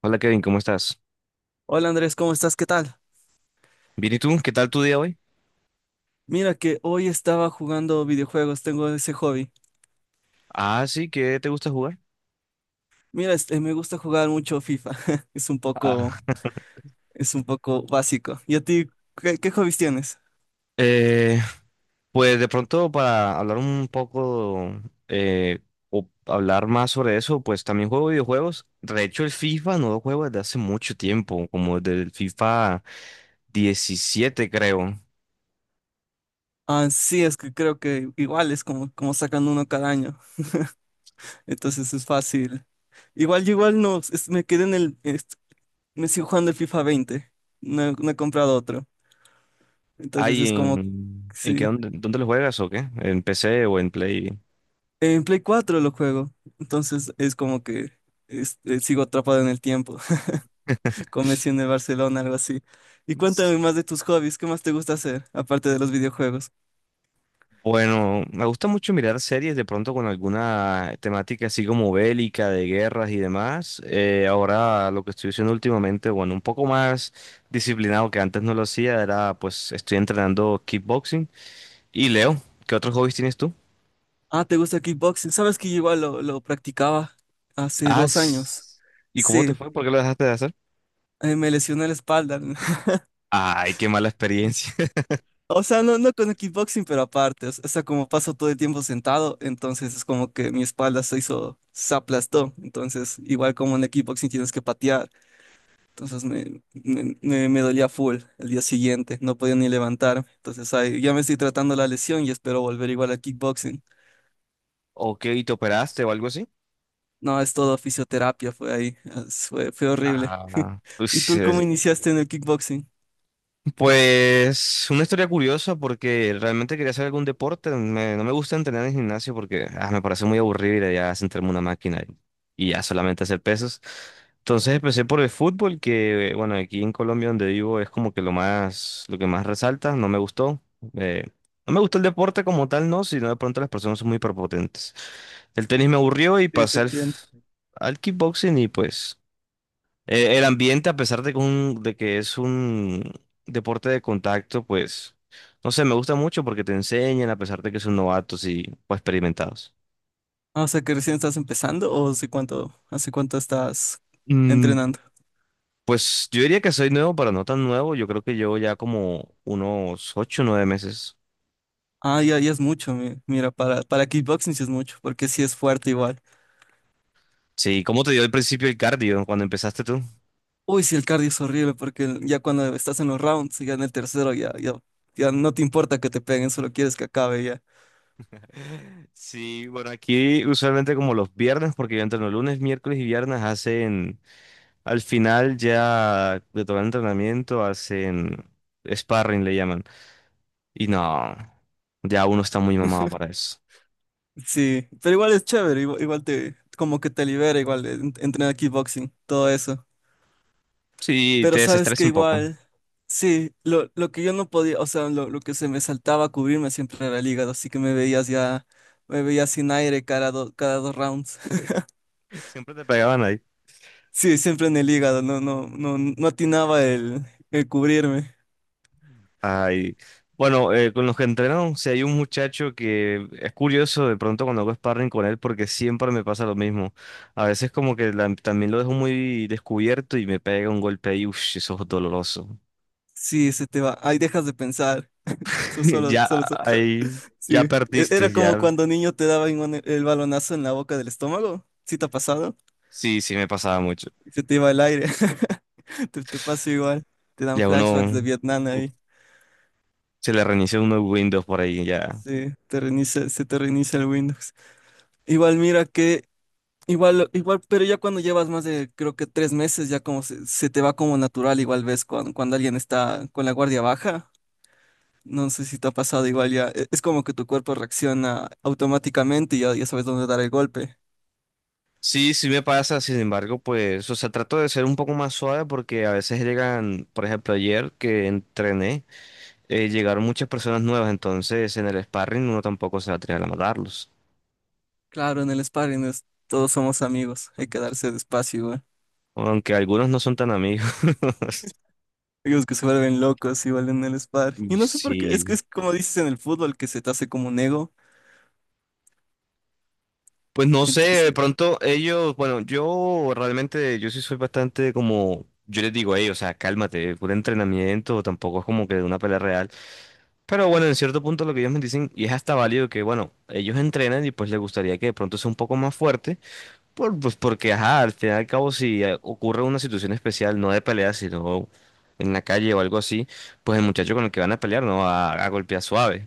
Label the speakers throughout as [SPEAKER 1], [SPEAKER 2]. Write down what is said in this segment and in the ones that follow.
[SPEAKER 1] Hola Kevin, ¿cómo estás?
[SPEAKER 2] Hola Andrés, ¿cómo estás? ¿Qué tal?
[SPEAKER 1] Bien, ¿y tú? ¿Qué tal tu día hoy?
[SPEAKER 2] Mira que hoy estaba jugando videojuegos, tengo ese hobby.
[SPEAKER 1] Ah, sí, ¿qué te gusta jugar?
[SPEAKER 2] Mira, este, me gusta jugar mucho FIFA. Es un
[SPEAKER 1] Ah,
[SPEAKER 2] poco, es un poco básico. ¿Y a ti qué hobbies tienes?
[SPEAKER 1] eh, pues de pronto para hablar un poco eh, o hablar más sobre eso, pues también juego videojuegos. De hecho, el FIFA no lo juego desde hace mucho tiempo, como desde el FIFA 17 creo.
[SPEAKER 2] Ah, sí, es que creo que igual es como, como sacan uno cada año. Entonces es fácil. Igual yo igual no, me quedé en el, me sigo jugando el FIFA 20. No, no he comprado otro. Entonces
[SPEAKER 1] Ay,
[SPEAKER 2] es como,
[SPEAKER 1] ¿en qué,
[SPEAKER 2] sí.
[SPEAKER 1] dónde lo juegas o qué? ¿En PC o en Play?
[SPEAKER 2] En Play 4 lo juego. Entonces es como que sigo atrapado en el tiempo, con Messi en el Barcelona, algo así. Y cuéntame más de tus hobbies, ¿qué más te gusta hacer, aparte de los videojuegos?
[SPEAKER 1] Bueno, me gusta mucho mirar series de pronto con alguna temática así como bélica, de guerras y demás. Ahora lo que estoy haciendo últimamente, bueno, un poco más disciplinado que antes no lo hacía, era pues estoy entrenando kickboxing. Y Leo, ¿qué otros hobbies tienes tú?
[SPEAKER 2] Ah, ¿te gusta kickboxing? ¿Sabes que yo igual lo practicaba hace
[SPEAKER 1] Ah,
[SPEAKER 2] 2 años?
[SPEAKER 1] s- ¿Y cómo te
[SPEAKER 2] Sí,
[SPEAKER 1] fue? ¿Por qué lo dejaste de hacer?
[SPEAKER 2] me lesioné la espalda.
[SPEAKER 1] Ay, qué mala experiencia.
[SPEAKER 2] O sea, no, no con el kickboxing, pero aparte, o sea, como paso todo el tiempo sentado, entonces es como que mi espalda se hizo, se aplastó. Entonces, igual como en el kickboxing tienes que patear. Entonces me dolía full el día siguiente, no podía ni levantarme. Entonces ahí ya me estoy tratando la lesión y espero volver igual a kickboxing.
[SPEAKER 1] ¿O qué? ¿Y te operaste o algo así?
[SPEAKER 2] No, es todo fisioterapia, fue ahí, fue horrible.
[SPEAKER 1] Ah, uy,
[SPEAKER 2] ¿Y tú cómo iniciaste en el kickboxing?
[SPEAKER 1] pues una historia curiosa porque realmente quería hacer algún deporte. No me gusta entrenar en gimnasio porque me parece muy aburrido ir allá a sentarme en una máquina y ya solamente hacer pesos. Entonces empecé por el fútbol que, bueno, aquí en Colombia donde vivo es como que lo más, lo que más resalta. No me gustó. eh, no me gustó el deporte como tal, no, sino de pronto las personas son muy prepotentes. El tenis me aburrió y
[SPEAKER 2] Sí, te
[SPEAKER 1] pasé al,
[SPEAKER 2] entiendo.
[SPEAKER 1] f- al kickboxing y pues... El ambiente, a pesar de que, de que es un deporte de contacto, pues, no sé, me gusta mucho porque te enseñan, a pesar de que son novatos y pues experimentados.
[SPEAKER 2] Ah, o sea que recién estás empezando, ¿o hace cuánto estás
[SPEAKER 1] Mm,
[SPEAKER 2] entrenando?
[SPEAKER 1] pues yo diría que soy nuevo, pero no tan nuevo. Yo creo que llevo ya como unos 8 o 9 meses.
[SPEAKER 2] Ah, ya, ya es mucho, mira, para kickboxing sí es mucho, porque sí es fuerte igual.
[SPEAKER 1] Sí, ¿cómo te dio al principio el cardio cuando empezaste tú?
[SPEAKER 2] Uy, sí, el cardio es horrible porque ya cuando estás en los rounds, ya en el tercero, ya no te importa que te peguen, solo quieres que acabe ya.
[SPEAKER 1] Sí, bueno, aquí usualmente como los viernes, porque yo entreno lunes, miércoles y viernes, hacen Al final ya de todo el entrenamiento hacen sparring, le llaman. Y no, ya uno está muy mamado para eso.
[SPEAKER 2] Sí, pero igual es chévere, igual, como que te libera, igual entrenar kickboxing, todo eso.
[SPEAKER 1] Sí,
[SPEAKER 2] Pero
[SPEAKER 1] te
[SPEAKER 2] sabes
[SPEAKER 1] desestresa
[SPEAKER 2] que
[SPEAKER 1] un poco.
[SPEAKER 2] igual, sí, lo que yo no podía, o sea, lo que se me saltaba a cubrirme siempre era el hígado, así que me veías ya, me veías sin aire cada 2 rounds.
[SPEAKER 1] Siempre te pegaban ahí.
[SPEAKER 2] Sí, siempre en el hígado, no atinaba el cubrirme.
[SPEAKER 1] Ay. Bueno, con los que entreno, si hay un muchacho que es curioso de pronto cuando hago sparring con él porque siempre me pasa lo mismo. A veces como que también lo dejo muy descubierto y me pega un golpe ahí, uff, eso es doloroso.
[SPEAKER 2] Sí, se te va, ahí dejas de pensar. Su- Solo,
[SPEAKER 1] Ya
[SPEAKER 2] solo, solo-
[SPEAKER 1] ahí, ya
[SPEAKER 2] Sí.
[SPEAKER 1] perdiste,
[SPEAKER 2] Era como
[SPEAKER 1] ya.
[SPEAKER 2] cuando niño te daban el balonazo en la boca del estómago. ¿Sí te ha pasado?
[SPEAKER 1] Sí, sí, me pasaba mucho.
[SPEAKER 2] Y se te iba el aire. Te pasa igual. Te dan
[SPEAKER 1] Ya
[SPEAKER 2] flashbacks
[SPEAKER 1] uno
[SPEAKER 2] de Vietnam ahí.
[SPEAKER 1] se le reinicia uno Windows por ahí, ya.
[SPEAKER 2] Sí, te reinicia, se te reinicia el Windows. Igual, mira que, igual, pero ya cuando llevas más de, creo que 3 meses, ya como se te va como natural, igual ves cuando alguien está con la guardia baja. No sé si te ha pasado igual ya. Es como que tu cuerpo reacciona automáticamente y ya, ya sabes dónde dar el golpe.
[SPEAKER 1] Sí, sí me pasa, sin embargo, pues, o sea, trato de ser un poco más suave porque a veces llegan, por ejemplo, ayer que entrené, llegaron muchas personas nuevas, entonces en el sparring uno tampoco se va a atrever a matarlos,
[SPEAKER 2] Claro, en el sparring todos somos amigos, hay que darse despacio igual.
[SPEAKER 1] aunque algunos no son tan amigos.
[SPEAKER 2] Amigos que se vuelven locos igual en el sparring. Y no sé por qué, es que
[SPEAKER 1] Sí,
[SPEAKER 2] es como dices en el fútbol, que se te hace como un ego.
[SPEAKER 1] pues no sé, de
[SPEAKER 2] Entonces,
[SPEAKER 1] pronto ellos, bueno, yo realmente, yo sí soy bastante como, yo les digo a ellos, o sea, cálmate, puro entrenamiento, tampoco es como que de una pelea real. Pero bueno, en cierto punto lo que ellos me dicen, y es hasta válido que, bueno, ellos entrenan y pues les gustaría que de pronto sea un poco más fuerte, pues porque, ajá, al final y al cabo, si ocurre una situación especial, no de pelea, sino en la calle o algo así, pues el muchacho con el que van a pelear no va a golpear suave.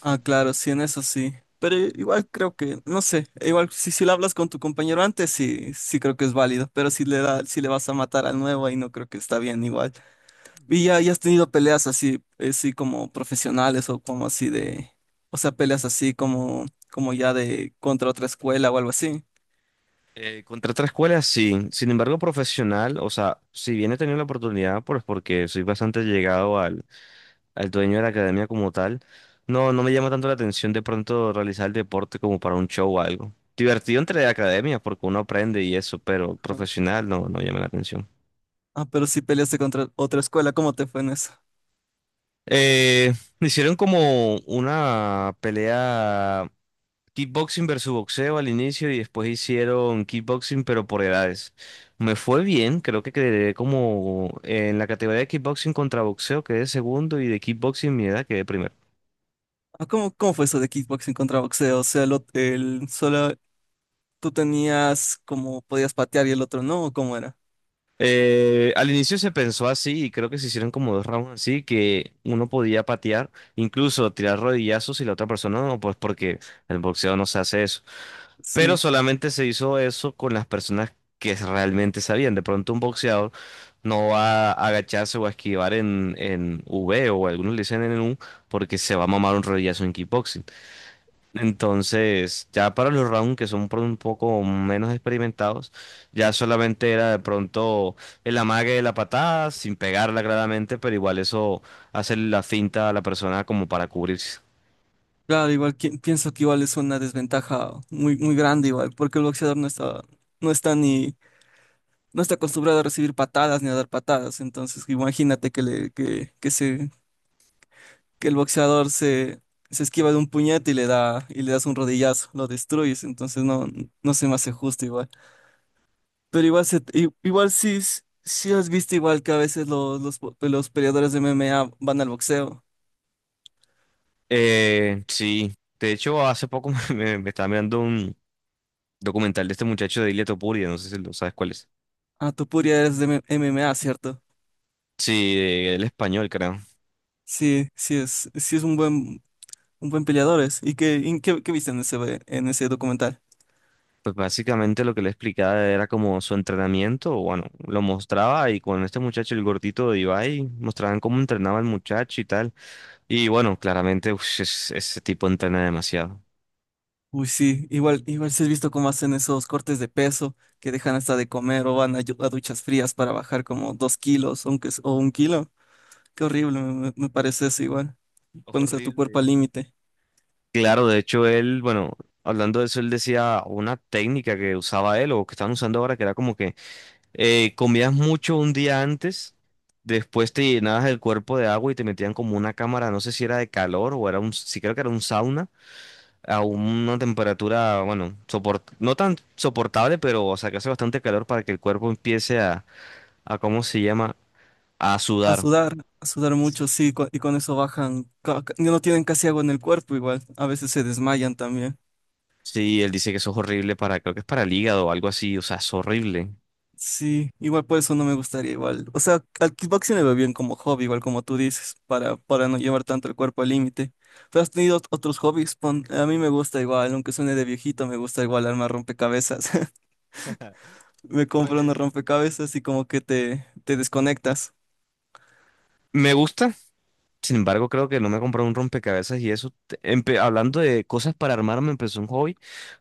[SPEAKER 2] ah, claro, sí, en eso sí. Pero igual creo que, no sé, igual si lo hablas con tu compañero antes, sí, sí creo que es válido. Pero si le da, si le vas a matar al nuevo, ahí no creo que está bien igual. Y ya, ya has tenido peleas así, sí, como profesionales o como así de, o sea, peleas así como ya de contra otra escuela o algo así.
[SPEAKER 1] Contra otra escuela, sí. Sin embargo, profesional, o sea, si bien he tenido la oportunidad, pues porque soy bastante llegado al dueño de la academia como tal, no, no me llama tanto la atención de pronto realizar el deporte como para un show o algo. Divertido entre academias, porque uno aprende y eso, pero
[SPEAKER 2] Ah,
[SPEAKER 1] profesional no, no llama la atención.
[SPEAKER 2] ah, pero si peleaste contra otra escuela, ¿cómo te fue en eso?
[SPEAKER 1] Eh, Hicieron como una pelea kickboxing versus boxeo al inicio y después hicieron kickboxing pero por edades. Me fue bien, creo que quedé como en la categoría de kickboxing contra boxeo quedé segundo y de kickboxing mi edad quedé primero.
[SPEAKER 2] Ah, ¿cómo fue eso de kickboxing contra boxeo? O sea, el solo tú tenías, como podías patear y el otro no, ¿o ¿cómo era?
[SPEAKER 1] Al inicio se pensó así y creo que se hicieron como dos rounds así que uno podía patear, incluso tirar rodillazos y la otra persona no, pues porque el boxeo no se hace eso. Pero
[SPEAKER 2] Sí,
[SPEAKER 1] solamente se hizo eso con las personas que realmente sabían. De pronto un boxeador no va a agacharse o a esquivar en V o algunos le dicen en el U porque se va a mamar un rodillazo en kickboxing. Entonces, ya para los rounds que son por un poco menos experimentados, ya solamente era de pronto el amague de la patada sin pegarla claramente, pero igual eso hace la finta a la persona como para cubrirse.
[SPEAKER 2] claro, igual pienso que igual es una desventaja muy, muy grande igual, porque el boxeador no está, no está ni, no está acostumbrado a recibir patadas ni a dar patadas. Entonces, imagínate que le, que se, que el boxeador se esquiva de un puñete y le da, y le das un rodillazo, lo destruyes, entonces no, no se me hace justo igual. Pero igual, igual sí, sí has visto igual que a veces los peleadores de MMA van al boxeo.
[SPEAKER 1] Sí. De hecho, hace poco me estaba mirando documental de este muchacho de Ilia Topuria, no sé si lo sabes cuál es.
[SPEAKER 2] Ah, tú Puria eres de MMA, ¿cierto?
[SPEAKER 1] Sí, el español, creo.
[SPEAKER 2] Sí, sí es un buen peleador. Es. ¿Y qué viste en ese documental?
[SPEAKER 1] Pues básicamente lo que le explicaba era como su entrenamiento, bueno, lo mostraba y con este muchacho, el gordito de Ibai, mostraban cómo entrenaba el muchacho y tal. Y bueno, claramente ese tipo entrena demasiado.
[SPEAKER 2] Uy, sí, igual, sí has visto cómo hacen esos cortes de peso que dejan hasta de comer o van a duchas frías para bajar como 2 kilos, aunque, o 1 kilo. Qué horrible, me parece eso igual. Pones a tu cuerpo al
[SPEAKER 1] Horrible.
[SPEAKER 2] límite.
[SPEAKER 1] Claro, de hecho él, bueno, hablando de eso, él decía una técnica que usaba él o que están usando ahora que era como que comías mucho un día antes, después te llenabas el cuerpo de agua y te metían como una cámara, no sé si era de calor o sí creo que era un sauna, a una temperatura, bueno, no tan soportable, pero o sea que hace bastante calor para que el cuerpo empiece a ¿cómo se llama? A sudar.
[SPEAKER 2] A sudar mucho, sí, y con eso bajan, no tienen casi agua en el cuerpo igual, a veces se desmayan también.
[SPEAKER 1] Sí, él dice que eso es horrible para, creo que es para el hígado o algo así, o sea, es horrible.
[SPEAKER 2] Sí, igual por eso no me gustaría igual. O sea, al kickboxing le veo bien como hobby, igual como tú dices, para no llevar tanto el cuerpo al límite. Pero has tenido otros hobbies. A mí me gusta igual, aunque suene de viejito, me gusta igual armar rompecabezas. Me compro unos rompecabezas y como que te desconectas.
[SPEAKER 1] Me gusta. Sin embargo, creo que no me compré un rompecabezas y eso, hablando de cosas para armar, me empezó un hobby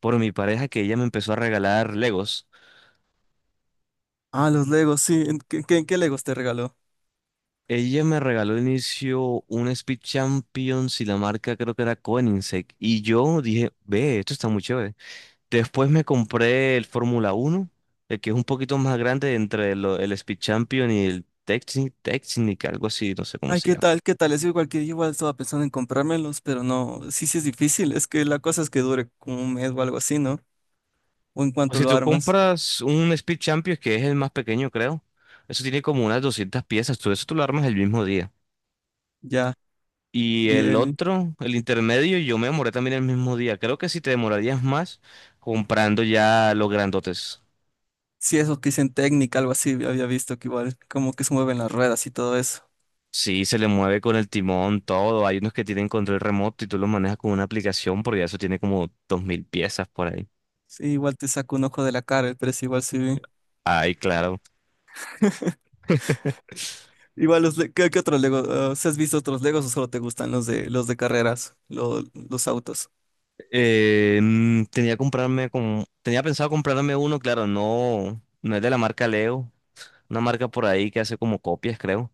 [SPEAKER 1] por mi pareja que ella me empezó a regalar Legos.
[SPEAKER 2] Ah, los Legos, sí. ¿Qué Legos te regaló?
[SPEAKER 1] Ella me regaló al inicio un Speed Champions y la marca creo que era Koenigsegg. Y yo dije, ve, esto está muy chévere. Después me compré el Fórmula 1, el que es un poquito más grande entre el Speed Champion y el Technic, algo así, no sé cómo
[SPEAKER 2] Ay,
[SPEAKER 1] se
[SPEAKER 2] ¿qué
[SPEAKER 1] llama.
[SPEAKER 2] tal? ¿Qué tal? Es igual que yo, igual estaba pensando en comprármelos, pero no, sí, sí es difícil. Es que la cosa es que dure como un mes o algo así, ¿no? O en
[SPEAKER 1] O
[SPEAKER 2] cuanto
[SPEAKER 1] si
[SPEAKER 2] lo
[SPEAKER 1] tú
[SPEAKER 2] armas,
[SPEAKER 1] compras un Speed Champions, que es el más pequeño, creo, eso tiene como unas 200 piezas, tú lo armas el mismo día.
[SPEAKER 2] ya.
[SPEAKER 1] Y
[SPEAKER 2] Y
[SPEAKER 1] el
[SPEAKER 2] él,
[SPEAKER 1] otro, el intermedio, yo me demoré también el mismo día. Creo que si te demorarías más comprando ya los grandotes.
[SPEAKER 2] sí, eso que dicen técnica, algo así, había visto que igual, como que se mueven las ruedas y todo eso.
[SPEAKER 1] Sí, se le mueve con el timón, todo. Hay unos que tienen control remoto y tú los manejas con una aplicación porque eso tiene como 2.000 piezas por ahí.
[SPEAKER 2] Sí, igual te saca un ojo de la cara, pero es igual sí.
[SPEAKER 1] Ay, claro.
[SPEAKER 2] Igual ¿qué otros Legos? ¿sí has visto otros Legos, o solo te gustan los de carreras, los autos?
[SPEAKER 1] Tenía que comprarme como, tenía pensado comprarme uno, claro, no, no es de la marca Leo, una marca por ahí que hace como copias, creo,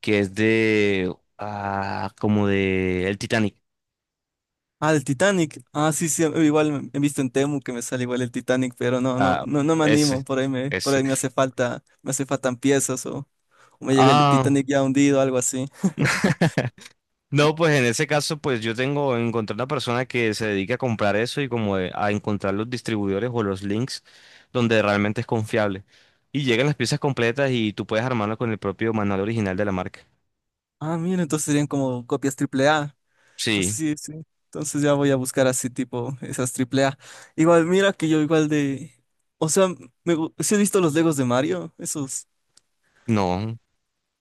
[SPEAKER 1] que es de, como de el Titanic.
[SPEAKER 2] Ah, el Titanic. Ah, sí, sí, igual he visto en Temu que me sale igual el Titanic, pero no, no,
[SPEAKER 1] Ah,
[SPEAKER 2] no, no me animo.
[SPEAKER 1] ese,
[SPEAKER 2] Por ahí
[SPEAKER 1] ese.
[SPEAKER 2] me hace falta, me hace faltan piezas, o me llega el
[SPEAKER 1] Ah,
[SPEAKER 2] Titanic ya hundido, algo así.
[SPEAKER 1] no, pues en ese caso, pues encontré una persona que se dedica a comprar eso y como a encontrar los distribuidores o los links donde realmente es confiable. Y llegan las piezas completas y tú puedes armarlo con el propio manual original de la marca.
[SPEAKER 2] Ah, mira, entonces serían como copias triple A. Entonces
[SPEAKER 1] Sí,
[SPEAKER 2] sí, sí. Entonces ya voy a buscar así tipo esas triple A. Igual, mira que yo igual o sea, sí he visto los Legos de Mario, esos.
[SPEAKER 1] no.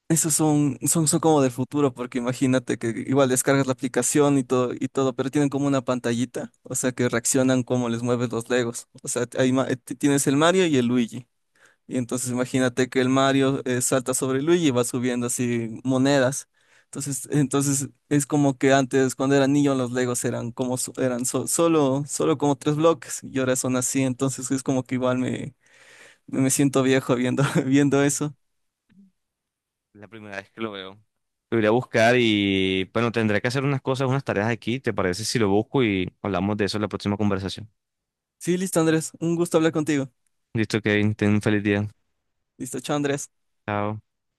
[SPEAKER 2] Esos son como del futuro, porque imagínate que igual descargas la aplicación y todo, pero tienen como una pantallita, o sea, que reaccionan como les mueves los Legos. O sea, tienes el Mario y el Luigi. Y entonces imagínate que el Mario, salta sobre el Luigi y va subiendo así monedas. Entonces, es como que antes, cuando era niño, los Legos eran como solo como tres bloques, y ahora son así. Entonces es como que igual me siento viejo viendo, viendo eso.
[SPEAKER 1] La primera vez que lo veo. Lo iré a buscar y bueno, tendré que hacer unas cosas, unas tareas aquí. ¿Te parece si lo busco y hablamos de eso en la próxima conversación?
[SPEAKER 2] Sí, listo, Andrés, un gusto hablar contigo.
[SPEAKER 1] Listo, Kevin, ten un feliz día.
[SPEAKER 2] Listo, chao, Andrés.
[SPEAKER 1] Chao.